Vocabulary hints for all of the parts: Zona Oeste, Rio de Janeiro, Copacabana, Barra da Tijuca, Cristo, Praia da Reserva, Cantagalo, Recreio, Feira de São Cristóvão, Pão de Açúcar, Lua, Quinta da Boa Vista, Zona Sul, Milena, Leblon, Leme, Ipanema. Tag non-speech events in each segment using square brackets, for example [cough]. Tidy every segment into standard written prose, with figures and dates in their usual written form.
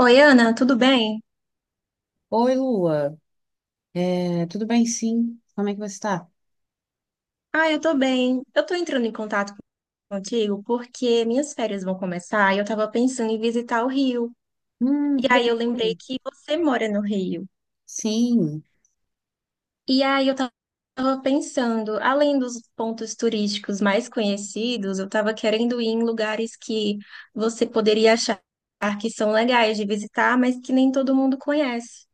Oi, Ana, tudo bem? Oi, Lua. É, tudo bem, sim? Como é que você está? Ah, eu tô bem. Eu tô entrando em contato contigo porque minhas férias vão começar e eu tava pensando em visitar o Rio. E Que aí eu lembrei legal. que você mora no Rio. Sim. E aí eu tava pensando, além dos pontos turísticos mais conhecidos, eu tava querendo ir em lugares que você poderia achar que são legais de visitar, mas que nem todo mundo conhece.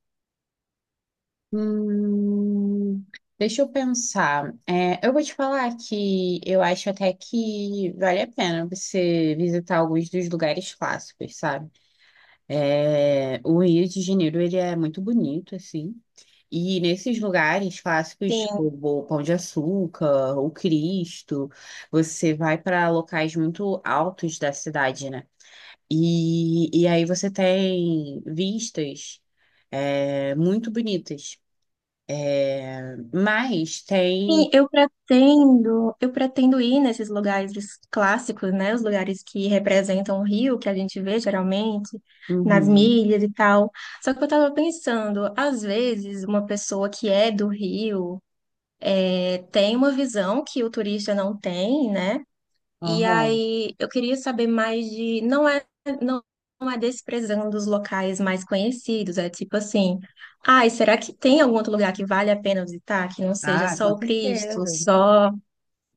Hum, Deixa eu pensar. É, eu vou te falar que eu acho até que vale a pena você visitar alguns dos lugares clássicos, sabe? É, o Rio de Janeiro, ele é muito bonito, assim. E nesses lugares clássicos, tipo Sim. o Pão de Açúcar, o Cristo, você vai para locais muito altos da cidade, né? E aí você tem vistas muito bonitas, mas tem. Sim, eu pretendo ir nesses lugares clássicos, né? Os lugares que representam o Rio, que a gente vê geralmente nas Uhum, milhas e tal. Só que eu tava pensando, às vezes uma pessoa que é do Rio tem uma visão que o turista não tem, né? E aham. aí eu queria saber mais de, não é, não não é desprezando os locais mais conhecidos, é tipo assim, ai, será que tem algum outro lugar que vale a pena visitar, que não seja Ah, só com o Cristo, certeza. só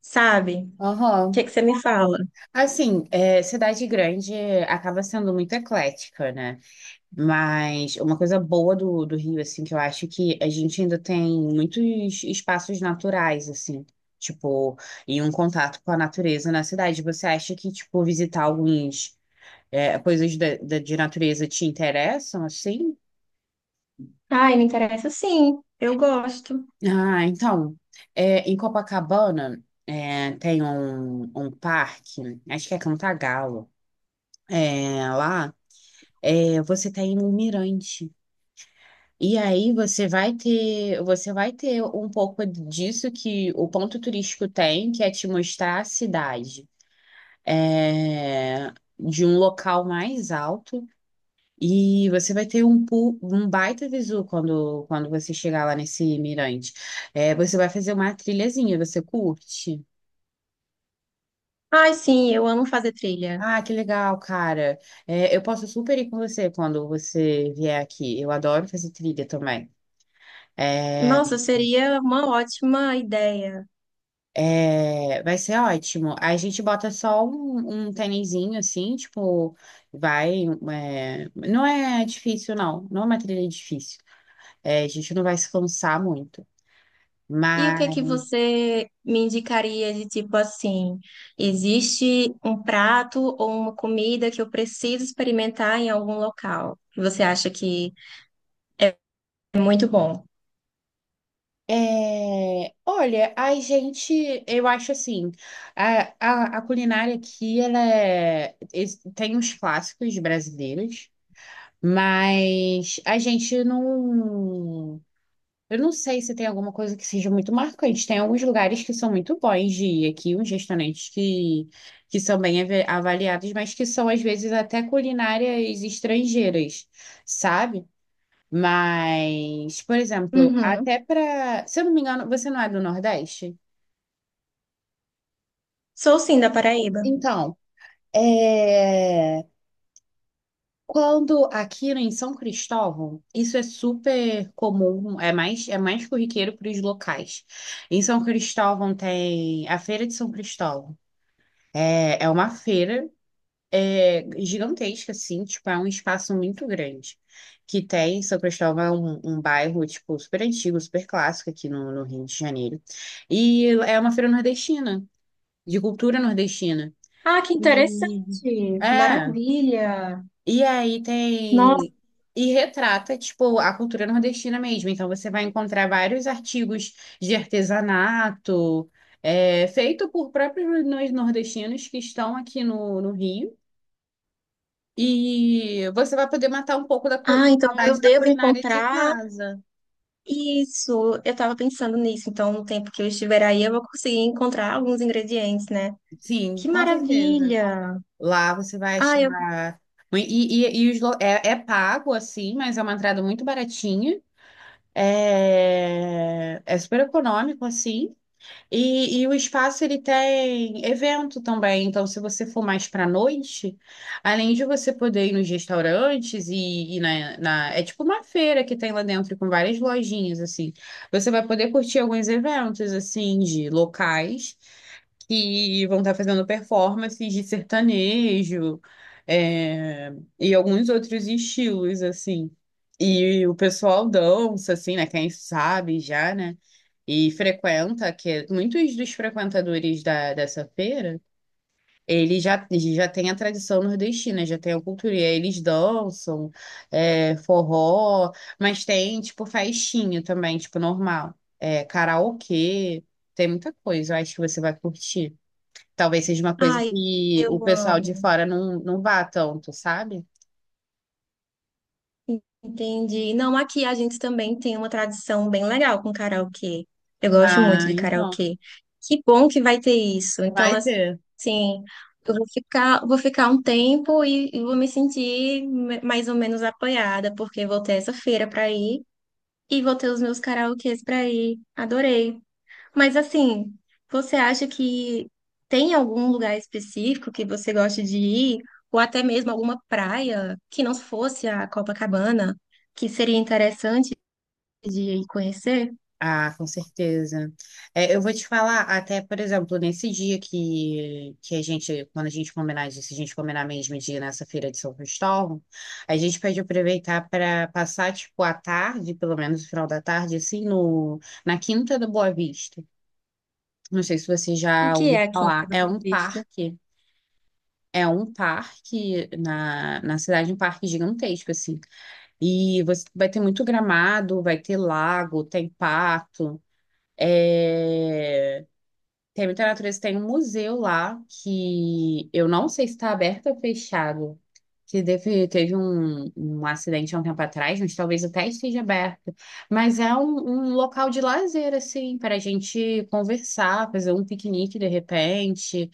sabe? O Aham. que que você me fala? Assim, cidade grande acaba sendo muito eclética, né? Mas uma coisa boa do Rio, assim, que eu acho que a gente ainda tem muitos espaços naturais, assim. Tipo, e um contato com a natureza na cidade. Você acha que, tipo, coisas de natureza te interessam, assim? Ai, me interessa sim. Eu gosto. Ah, então, em Copacabana tem um, parque, acho que é Cantagalo, lá você tem um mirante. E aí você vai ter um pouco disso que o ponto turístico tem, que é te mostrar a cidade é, de um local mais alto. E você vai ter um baita visu quando você chegar lá nesse mirante. É, você vai fazer uma trilhazinha, você curte? Ai, sim, eu amo fazer trilha. Ah, que legal, cara. É, eu posso super ir com você quando você vier aqui. Eu adoro fazer trilha também. É, Nossa, seria uma ótima ideia. Vai ser ótimo. A gente bota só um tênisinho assim, tipo, vai. Não é difícil, não. Não é uma trilha difícil. É, a gente não vai se cansar muito. E Mas. o que é que você me indicaria de tipo assim? Existe um prato ou uma comida que eu preciso experimentar em algum local? Que Você acha que é muito bom? É, olha, a gente, eu acho assim, a culinária aqui, ela tem uns clássicos brasileiros, mas a gente não, eu não sei se tem alguma coisa que seja muito marcante. Tem alguns lugares que são muito bons de ir aqui, uns restaurantes que são bem avaliados, mas que são às vezes até culinárias estrangeiras, sabe? Mas, por exemplo, Uhum. até para, se eu não me engano, você não é do Nordeste? Sou sim da Paraíba. Então, é, quando aqui em São Cristóvão, isso é super comum, é mais corriqueiro para os locais. Em São Cristóvão tem a Feira de São Cristóvão. É uma feira gigantesca, assim, tipo, é um espaço muito grande. Que tem, São Cristóvão é um bairro, tipo, super antigo, super clássico aqui no Rio de Janeiro. E é uma feira nordestina, de cultura nordestina. Ah, que E- interessante. é, Maravilha. e aí Nossa. tem. E retrata, tipo, a cultura nordestina mesmo. Então você vai encontrar vários artigos de artesanato, feito por próprios nordestinos que estão aqui no Rio. E você vai poder matar um pouco da Ah, então eu saudade da devo culinária de encontrar. casa. Isso, eu tava pensando nisso, então no tempo que eu estiver aí eu vou conseguir encontrar alguns ingredientes, né? Sim, Que com certeza. maravilha! Lá você vai Ai, eu, achar. E, e é pago, assim, mas é uma entrada muito baratinha. É super econômico, assim. E o espaço ele tem evento também, então se você for mais para noite, além de você poder ir nos restaurantes e é tipo uma feira que tem lá dentro com várias lojinhas assim, você vai poder curtir alguns eventos assim de locais que vão estar fazendo performances de sertanejo, é, e alguns outros estilos, assim. E o pessoal dança, assim, né? Quem sabe já, né? E frequenta, muitos dos frequentadores dessa feira, eles já têm a tradição nordestina, já tem a cultura, e aí eles dançam, forró, mas tem, tipo, festinha também, tipo, normal. É, karaokê, tem muita coisa, eu acho que você vai curtir. Talvez seja uma coisa ai, que o eu pessoal de amo. fora não vá tanto, sabe? Entendi. Não, aqui a gente também tem uma tradição bem legal com karaokê. Eu gosto muito Ah, de então, karaokê. Que bom que vai ter isso. Então, vai ter. assim, vou ficar um tempo e vou me sentir mais ou menos apoiada, porque vou ter essa feira para ir e vou ter os meus karaokês para ir. Adorei. Mas assim, você acha que tem algum lugar específico que você gosta de ir, ou até mesmo alguma praia que não fosse a Copacabana, que seria interessante de ir conhecer? Ah, com certeza. É, eu vou te falar, até, por exemplo, nesse dia que a gente, quando a gente combinar disso, a gente combinar mesmo de ir nessa feira de São Cristóvão, a gente pode aproveitar para passar, tipo, a tarde, pelo menos o final da tarde, assim, no, na Quinta da Boa Vista. Não sei se você O já que é ouviu aqui em falar. Praia da É Boa um Vista? parque É um parque na cidade, um parque gigantesco, assim. E você vai ter muito gramado, vai ter lago, tem pato, é, tem muita natureza, tem um museu lá que eu não sei se está aberto ou fechado. Que teve um acidente há um tempo atrás, mas talvez até esteja aberto. Mas é um local de lazer, assim, para a gente conversar, fazer um piquenique de repente.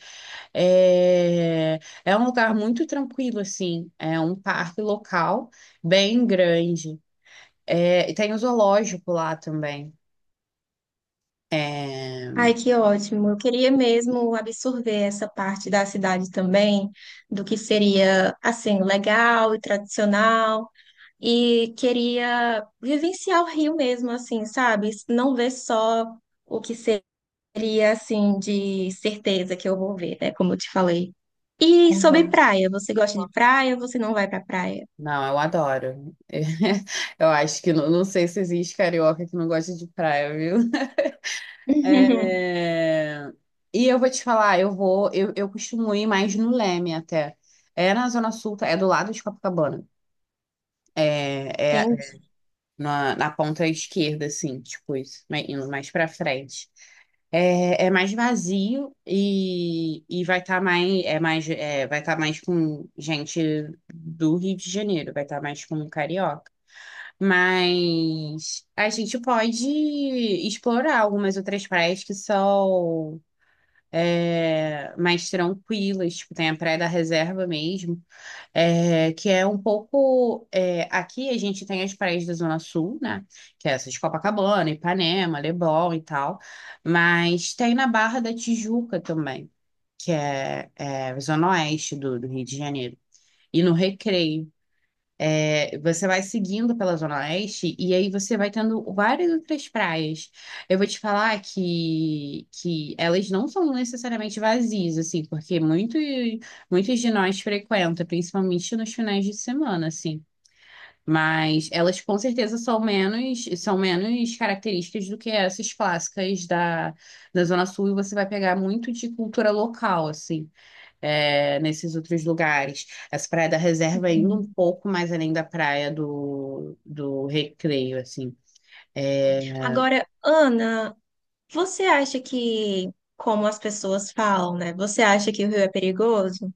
É, é um lugar muito tranquilo, assim. É um parque local bem grande. É, e tem o zoológico lá também. É, Ai, que ótimo! Eu queria mesmo absorver essa parte da cidade também, do que seria assim legal e tradicional. E queria vivenciar o Rio mesmo, assim, sabe? Não ver só o que seria assim de certeza que eu vou ver, né? Como eu te falei. E sobre Uhum. praia, você gosta de praia ou você não vai pra praia? Não, eu adoro. [laughs] Eu acho que não, não sei se existe carioca que não gosta de praia, viu? [laughs] [laughs] É, e eu vou te falar, eu costumo ir mais no Leme até. É na Zona Sul, tá? É do lado de Copacabana. É Entendi. na ponta esquerda, assim, tipo isso, indo mais pra frente. É mais vazio e vai estar mais, é mais, vai tá mais com gente do Rio de Janeiro, vai estar mais com carioca. Mas a gente pode explorar algumas outras praias que são mais tranquilas, tipo, tem a Praia da Reserva mesmo, que é um pouco. Aqui a gente tem as praias da Zona Sul, né? Que é essa de Copacabana, Ipanema, Leblon e tal, mas tem na Barra da Tijuca também, que é a Zona Oeste do Rio de Janeiro. E no Recreio. É, você vai seguindo pela Zona Oeste e aí você vai tendo várias outras praias. Eu vou te falar que elas não são necessariamente vazias, assim, porque muitos de nós frequentam, principalmente nos finais de semana, assim. Mas elas com certeza são menos características do que essas clássicas da Zona Sul e você vai pegar muito de cultura local, assim nesses outros lugares. Essa praia da reserva é indo um pouco mais além da praia do Recreio, assim. É, Agora, Ana, você acha que, como as pessoas falam, né? Você acha que o Rio é perigoso?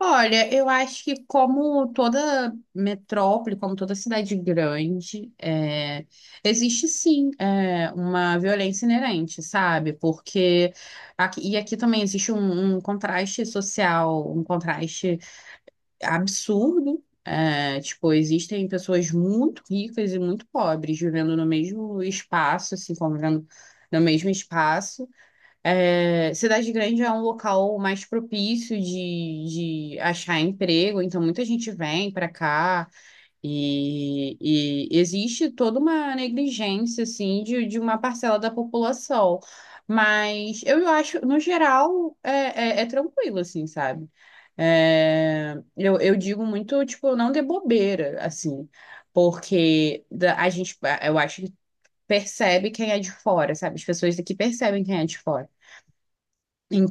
olha, eu acho que como toda metrópole, como toda cidade grande, existe sim uma violência inerente, sabe? Porque aqui também existe um contraste social, um contraste absurdo. É, tipo, existem pessoas muito ricas e muito pobres vivendo no mesmo espaço, assim, convivendo no mesmo espaço. É, cidade grande é um local mais propício de achar emprego, então muita gente vem para cá. E, e existe toda uma negligência, assim, de uma parcela da população. Mas eu acho, no geral, é tranquilo, assim, sabe? É, eu digo muito, tipo, não dê bobeira, assim, porque a gente, eu acho que percebe quem é de fora, sabe? As pessoas daqui percebem quem é de fora.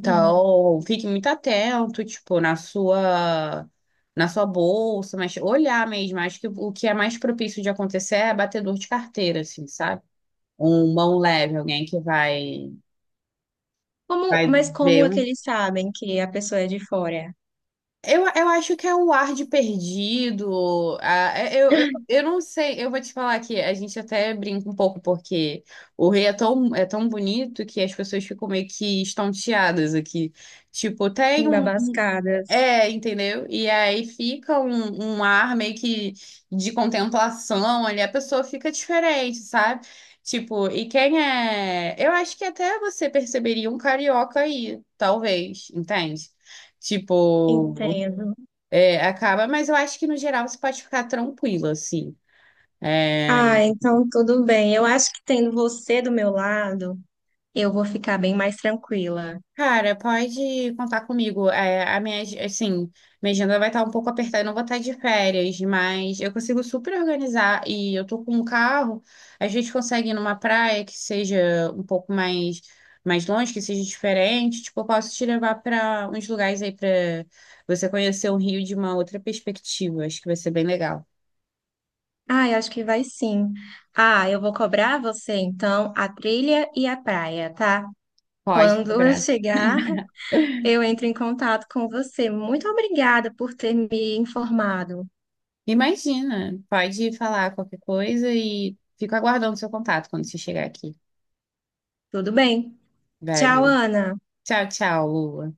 Hum. fique muito atento, tipo, na sua bolsa, mas olhar mesmo, acho que o que é mais propício de acontecer é batedor de carteira, assim, sabe? Um mão leve, alguém que vai Como, vai mas como ver é que um. eles sabem que a pessoa é de fora? Eu acho que é um ar de perdido. Eu não sei, eu vou te falar que a gente até brinca um pouco, porque o Rio é tão bonito que as pessoas ficam meio que estonteadas aqui. Tipo, tem um. Babascadas. Entendeu? E aí fica um ar meio que de contemplação ali, a pessoa fica diferente, sabe? Tipo, e quem é. Eu acho que até você perceberia um carioca aí, talvez, entende? Tipo, Entendo. Acaba, mas eu acho que no geral você pode ficar tranquila, assim. É, Ah, então tudo bem. Eu acho que tendo você do meu lado, eu vou ficar bem mais tranquila. cara, pode contar comigo. É, assim, minha agenda vai estar um pouco apertada, eu não vou estar de férias, mas eu consigo super organizar e eu tô com um carro, a gente consegue ir numa praia que seja um pouco mais longe, que seja diferente. Tipo, eu posso te levar para uns lugares aí para você conhecer o Rio de uma outra perspectiva. Acho que vai ser bem legal. Ah, eu acho que vai sim. Ah, eu vou cobrar você então a trilha e a praia, tá? Pode Quando eu cobrar. chegar, eu entro em contato com você. Muito obrigada por ter me informado. Imagina, pode falar qualquer coisa e fico aguardando seu contato quando você chegar aqui. Tudo bem? Tchau, Velho. Ana. Tchau, tchau, Lua.